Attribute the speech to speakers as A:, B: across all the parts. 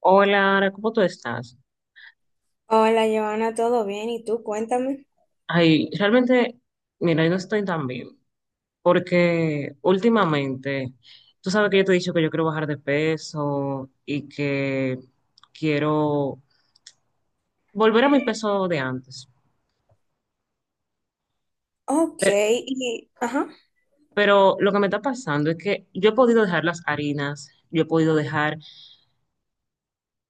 A: Hola, Ara, ¿cómo tú estás?
B: Hola, Giovanna, ¿todo bien? ¿Y tú? Cuéntame.
A: Ay, realmente, mira, yo no estoy tan bien, porque últimamente, tú sabes que yo te he dicho que yo quiero bajar de peso y que quiero volver a mi peso de antes.
B: Ok,
A: Pe-
B: y, ajá.
A: Pero, lo que me está pasando es que yo he podido dejar las harinas, yo he podido dejar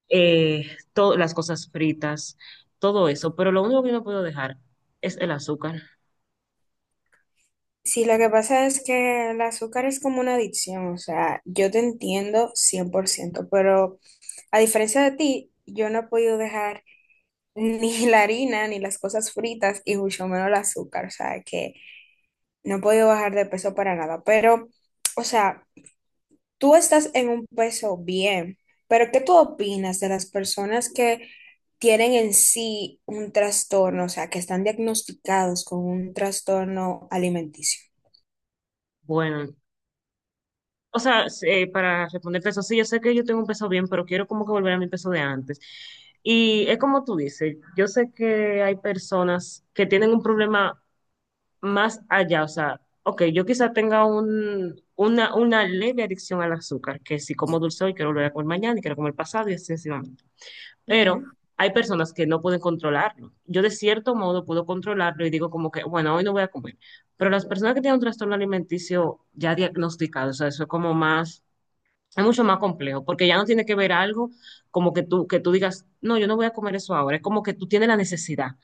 A: eh, todas las cosas fritas, todo eso, pero lo único que no puedo dejar es el azúcar.
B: Sí, lo que pasa es que el azúcar es como una adicción, o sea, yo te entiendo 100%, pero a diferencia de ti, yo no he podido dejar ni la harina, ni las cosas fritas, y mucho menos el azúcar, o sea, que no he podido bajar de peso para nada, pero, o sea, tú estás en un peso bien, pero ¿qué tú opinas de las personas que tienen en sí un trastorno, o sea, que están diagnosticados con un trastorno alimenticio?
A: Bueno, o sea, para responderte eso, sí, yo sé que yo tengo un peso bien, pero quiero como que volver a mi peso de antes. Y es como tú dices, yo sé que hay personas que tienen un problema más allá, o sea, ok, yo quizá tenga una leve adicción al azúcar, que si como dulce hoy quiero volver a comer mañana y quiero comer pasado y así sucesivamente. Pero
B: Ujú.
A: hay personas que no pueden controlarlo. Yo de cierto modo puedo controlarlo y digo como que, bueno, hoy no voy a comer. Pero las personas que tienen un trastorno alimenticio ya diagnosticado, o sea, eso es como más es mucho más complejo, porque ya no tiene que ver algo como que tú digas, no, yo no voy a comer eso ahora. Es como que tú tienes la necesidad,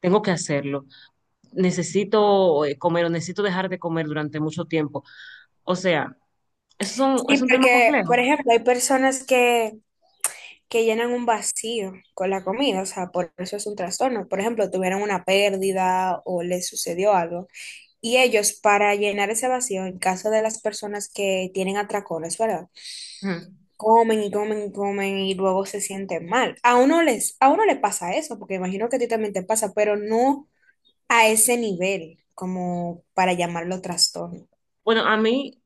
A: tengo que hacerlo, necesito comer o necesito dejar de comer durante mucho tiempo. O sea, eso es un,
B: Sí,
A: es un tema
B: porque, por
A: complejo.
B: ejemplo, hay personas que llenan un vacío con la comida, o sea, por eso es un trastorno. Por ejemplo, tuvieron una pérdida o les sucedió algo. Y ellos, para llenar ese vacío, en caso de las personas que tienen atracones, ¿verdad?
A: Ujú.
B: Comen y comen y comen y luego se sienten mal. A uno les, a uno le pasa eso, porque imagino que a ti también te pasa, pero no a ese nivel, como para llamarlo trastorno,
A: Bueno, a mí,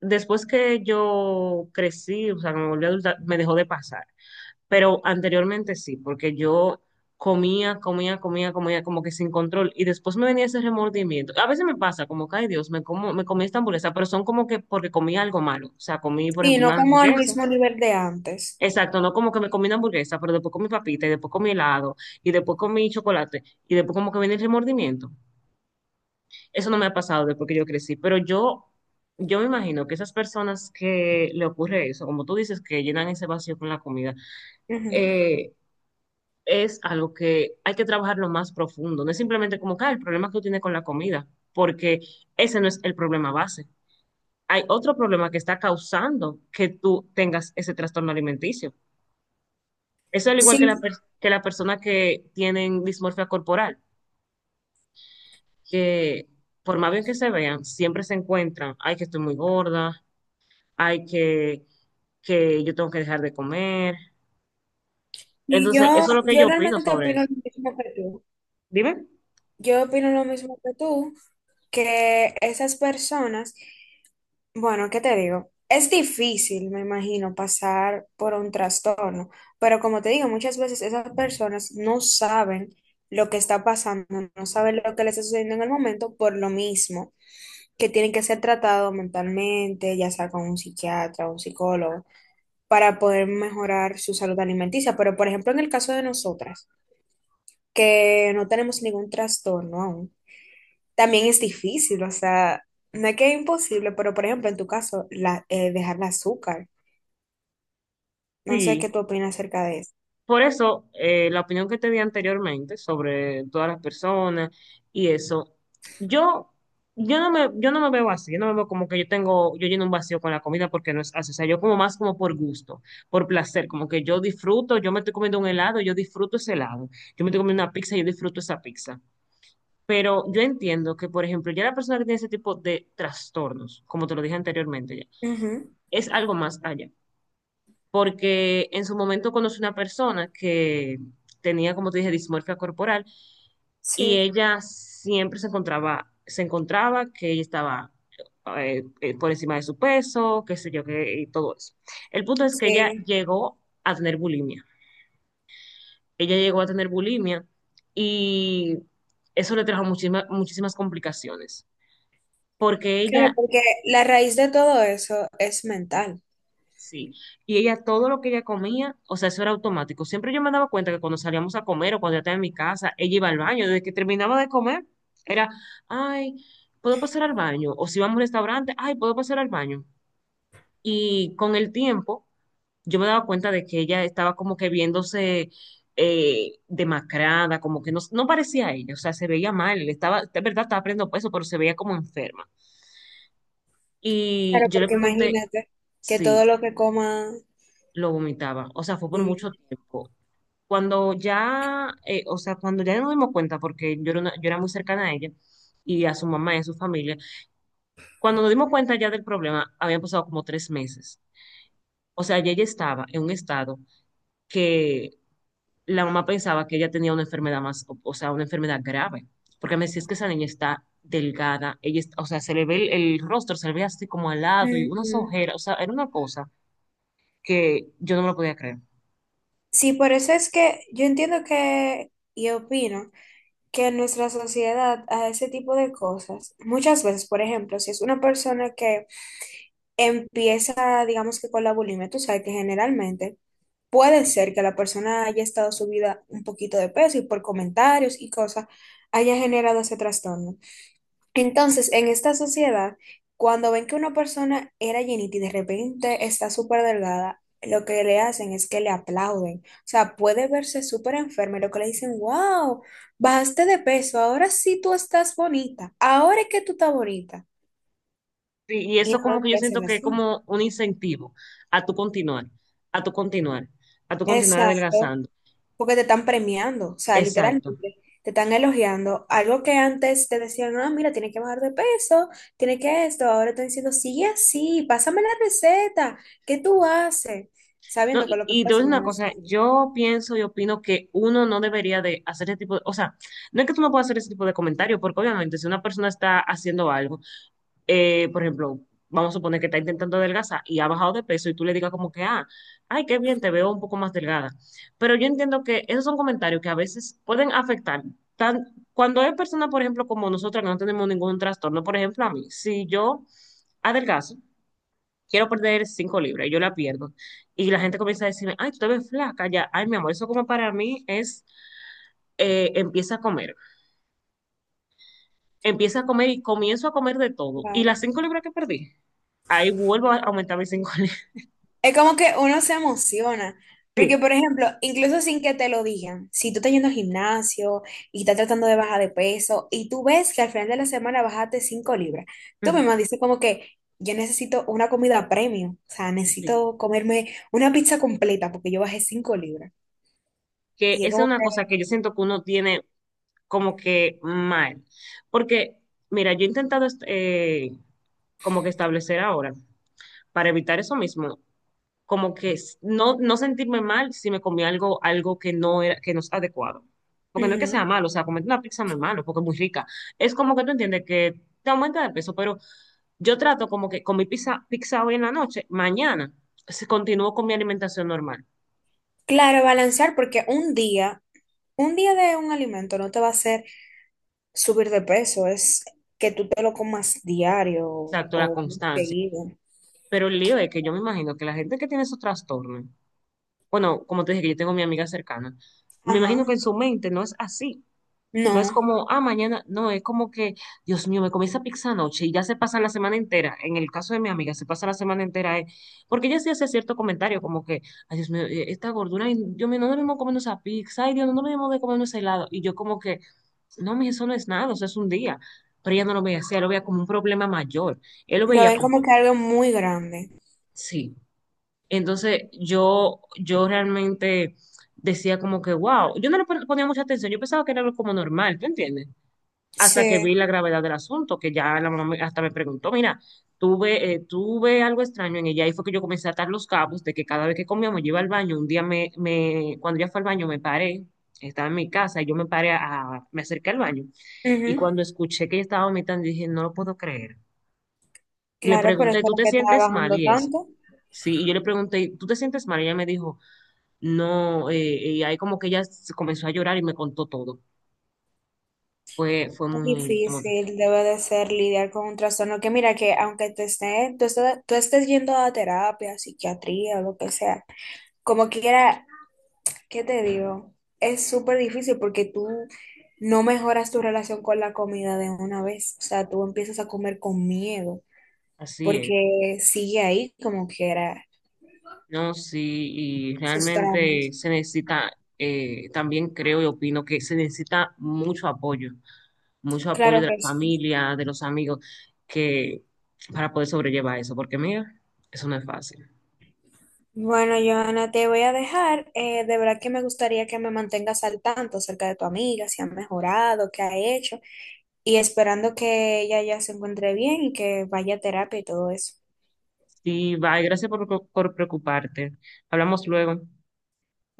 A: después que yo crecí, o sea, me volví adulta, me dejó de pasar. Pero anteriormente sí, porque yo comía, comía, comía, comía como que sin control y después me venía ese remordimiento. A veces me pasa como que, ay, Dios, me comí esta hamburguesa, pero son como que porque comí algo malo, o sea, comí, por ejemplo,
B: sino
A: una
B: como al
A: hamburguesa.
B: mismo nivel de antes.
A: Exacto, no como que me comí una hamburguesa, pero después comí papita y después comí helado y después comí chocolate y después como que viene el remordimiento. Eso no me ha pasado después que yo crecí, pero yo me imagino que esas personas que le ocurre eso, como tú dices, que llenan ese vacío con la comida,
B: Ujú.
A: eh, es algo que hay que trabajarlo más profundo. No es simplemente como que ah, el problema que tú tienes con la comida, porque ese no es el problema base. Hay otro problema que está causando que tú tengas ese trastorno alimenticio. Eso es al igual que
B: Sí,
A: que la persona que tienen dismorfia corporal, que por más bien que se vean, siempre se encuentran, ay, que estoy muy gorda, ay, que yo tengo que dejar de comer.
B: y
A: Entonces,
B: yo,
A: eso es lo que
B: yo
A: yo opino
B: realmente
A: sobre
B: opino lo
A: eso.
B: mismo que tú.
A: Dime.
B: Yo opino lo mismo que tú, que esas personas. Bueno, ¿qué te digo? Es difícil, me imagino, pasar por un trastorno, pero como te digo, muchas veces esas personas no saben lo que está pasando, no saben lo que les está sucediendo en el momento por lo mismo, que tienen que ser tratados mentalmente, ya sea con un psiquiatra o un psicólogo, para poder mejorar su salud alimenticia. Pero, por ejemplo, en el caso de nosotras, que no tenemos ningún trastorno aún. También es difícil, o sea, no es que es imposible, pero por ejemplo, en tu caso, la, dejar el azúcar. No sé qué
A: Sí.
B: tú opinas acerca de eso.
A: Por eso, la opinión que te di anteriormente sobre todas las personas y eso, yo, yo no me veo así, yo no me veo como que yo lleno un vacío con la comida porque no es así, o sea, yo como más como por gusto, por placer, como que yo disfruto, yo me estoy comiendo un helado, yo disfruto ese helado, yo me estoy comiendo una pizza, yo disfruto esa pizza. Pero yo entiendo que, por ejemplo, ya la persona que tiene ese tipo de trastornos, como te lo dije anteriormente, ya,
B: Ujú.
A: es algo más allá porque en su momento conocí una persona que tenía, como te dije, dismorfia corporal y
B: Sí.
A: ella siempre se encontraba que ella estaba por encima de su peso, qué sé yo, y todo eso. El punto es que ella
B: Sí,
A: llegó a tener bulimia. Ella llegó a tener bulimia y eso le trajo muchísimas complicaciones, porque
B: claro,
A: ella.
B: porque la raíz de todo eso es mental.
A: Sí, y ella todo lo que ella comía, o sea, eso era automático. Siempre yo me daba cuenta que cuando salíamos a comer o cuando yo estaba en mi casa, ella iba al baño. Desde que terminaba de comer, era, ay, ¿puedo pasar al baño? O si vamos a un restaurante, ay, ¿puedo pasar al baño? Y con el tiempo, yo me daba cuenta de que ella estaba como que viéndose demacrada, como que no parecía a ella, o sea, se veía mal, de verdad estaba perdiendo peso, pero se veía como enferma. Y
B: Claro,
A: yo le
B: porque
A: pregunté
B: imagínate que
A: si
B: todo lo que coma...
A: lo vomitaba, o sea, fue por mucho
B: Sí.
A: tiempo. Cuando ya, o sea, cuando ya nos dimos cuenta, porque yo era, yo era muy cercana a ella y a su mamá y a su familia, cuando nos dimos cuenta ya del problema, habían pasado como 3 meses. O sea, ya ella estaba en un estado que la mamá pensaba que ella tenía una enfermedad más, o sea, una enfermedad grave, porque me decía, es que esa niña está delgada, o sea, se le ve el rostro, se le ve así como al lado y unas
B: Ujú.
A: ojeras, o sea, era una cosa que yo no me lo podía creer.
B: Sí, por eso es que yo entiendo que, y opino, que en nuestra sociedad a ese tipo de cosas, muchas veces, por ejemplo, si es una persona que empieza, digamos que con la bulimia, tú sabes que generalmente puede ser que la persona haya estado subida un poquito de peso y por comentarios y cosas haya generado ese trastorno. Entonces, en esta sociedad, cuando ven que una persona era llenita y de repente está súper delgada, lo que le hacen es que le aplauden. O sea, puede verse súper enferma y lo que le dicen, wow, bajaste de peso, ahora sí tú estás bonita, ahora es que tú estás bonita.
A: Sí, y
B: Y
A: eso
B: no
A: como
B: lo
A: que yo
B: que
A: siento
B: hacen
A: que es
B: así.
A: como un incentivo a tu continuar, a tu continuar, a tu continuar
B: Exacto,
A: adelgazando.
B: porque te están premiando, o sea, literalmente
A: Exacto.
B: te están elogiando. Algo que antes te decían, ah, mira, tienes que bajar de peso, tienes que esto, ahora están diciendo, sigue así, pásame la receta, ¿qué tú haces?
A: No,
B: Sabiendo que
A: y,
B: lo que tú
A: y te voy a
B: haces
A: decir una
B: no es
A: cosa,
B: sano.
A: yo pienso y opino que uno no debería de hacer ese tipo de, o sea, no es que tú no puedas hacer ese tipo de comentario, porque obviamente si una persona está haciendo algo, por ejemplo, vamos a suponer que está intentando adelgazar y ha bajado de peso y tú le digas como que, ah, ay, qué bien, te veo un poco más delgada. Pero yo entiendo que esos son comentarios que a veces pueden afectar. Tan, Cuando hay personas, por ejemplo, como nosotras que no tenemos ningún trastorno, por ejemplo, a mí, si yo adelgazo, quiero perder 5 libras, y yo la pierdo. Y la gente comienza a decirme, ay, tú te ves flaca ya, ay, mi amor, eso como para mí es, empieza a comer. Empiezo a comer y comienzo a comer de todo. Y
B: Claro.
A: las 5 libras que perdí, ahí vuelvo a aumentar mis 5 libras.
B: Es como que uno se emociona, porque
A: Sí.
B: por ejemplo, incluso sin que te lo digan, si tú estás yendo al gimnasio y estás tratando de bajar de peso y tú ves que al final de la semana bajaste 5 libras, tú
A: Ujú,
B: misma dices como que yo necesito una comida premium, o sea,
A: sí.
B: necesito comerme una pizza completa porque yo bajé 5 libras.
A: Que
B: Y es
A: esa es
B: como
A: una cosa
B: que,
A: que yo siento que uno tiene como que mal. Porque, mira, yo he intentado como que establecer ahora, para evitar eso mismo, como que no sentirme mal si me comí algo, que no es adecuado. Porque no es que sea
B: ujú.
A: malo, o sea, comerte una pizza no es malo, porque es muy rica. Es como que tú entiendes que te aumenta de peso, pero yo trato como que con mi pizza, pizza hoy en la noche, mañana se continúo con mi alimentación normal.
B: Claro, balancear porque un día de un alimento no te va a hacer subir de peso, es que tú te lo comas diario
A: Exacto, la
B: o
A: constancia.
B: seguido.
A: Pero el lío es que yo me imagino que la gente que tiene esos trastornos, bueno, como te dije que yo tengo mi amiga cercana, me
B: Ajá.
A: imagino que en su mente no es así. No es
B: No,
A: como, ah, mañana, no, es como que, Dios mío, me comí esa pizza anoche y ya se pasa la semana entera. En el caso de mi amiga, se pasa la semana entera. Porque ella sí hace cierto comentario, como que, ay, Dios mío, esta gordura, ay, Dios mío, no debemos comer esa pizza, ay, Dios, no debemos de comer ese helado. Y yo como que, no, eso no es nada, eso es un día. Pero ella no lo veía así, ella lo veía como un problema mayor. Él lo
B: lo
A: veía
B: ven
A: como,
B: como que algo muy grande.
A: sí. Entonces yo realmente decía como que, wow, yo no le ponía mucha atención, yo pensaba que era algo como normal, ¿tú entiendes? Hasta que
B: Sí,
A: vi la gravedad del asunto, que ya la mamá hasta me preguntó, mira, tuve algo extraño en ella, y fue que yo comencé a atar los cabos de que cada vez que comíamos yo iba al baño, un día cuando ya fue al baño me paré, estaba en mi casa, y yo me acerqué al baño, y
B: ujú.
A: cuando escuché que ella estaba vomitando, dije, no lo puedo creer. Y le
B: Claro, por
A: pregunté,
B: eso
A: ¿tú
B: es
A: te
B: que
A: sientes mal?
B: trabajando
A: Y eso.
B: tanto.
A: Sí, y yo le pregunté, ¿tú te sientes mal? Y ella me dijo, no, y ahí como que ella se comenzó a llorar y me contó todo. Fue, fue
B: Es
A: muy, como-
B: difícil, debe de ser lidiar con un trastorno que mira que aunque te esté, tú estés yendo a terapia, psiquiatría o lo que sea, como quiera, ¿qué te digo? Es súper difícil porque tú no mejoras tu relación con la comida de una vez, o sea, tú empiezas a comer con miedo
A: Así es.
B: porque sigue ahí como quiera
A: No, sí, y
B: esos
A: realmente
B: traumas.
A: se necesita, también creo y opino que se necesita mucho apoyo
B: Claro
A: de la
B: que sí.
A: familia, de los amigos, que para poder sobrellevar eso, porque mira, eso no es fácil.
B: Bueno, Joana, te voy a dejar. De verdad que me gustaría que me mantengas al tanto acerca de tu amiga, si ha mejorado, qué ha hecho, y esperando que ella ya se encuentre bien y que vaya a terapia y todo eso.
A: Sí, bye, gracias por preocuparte. Hablamos luego.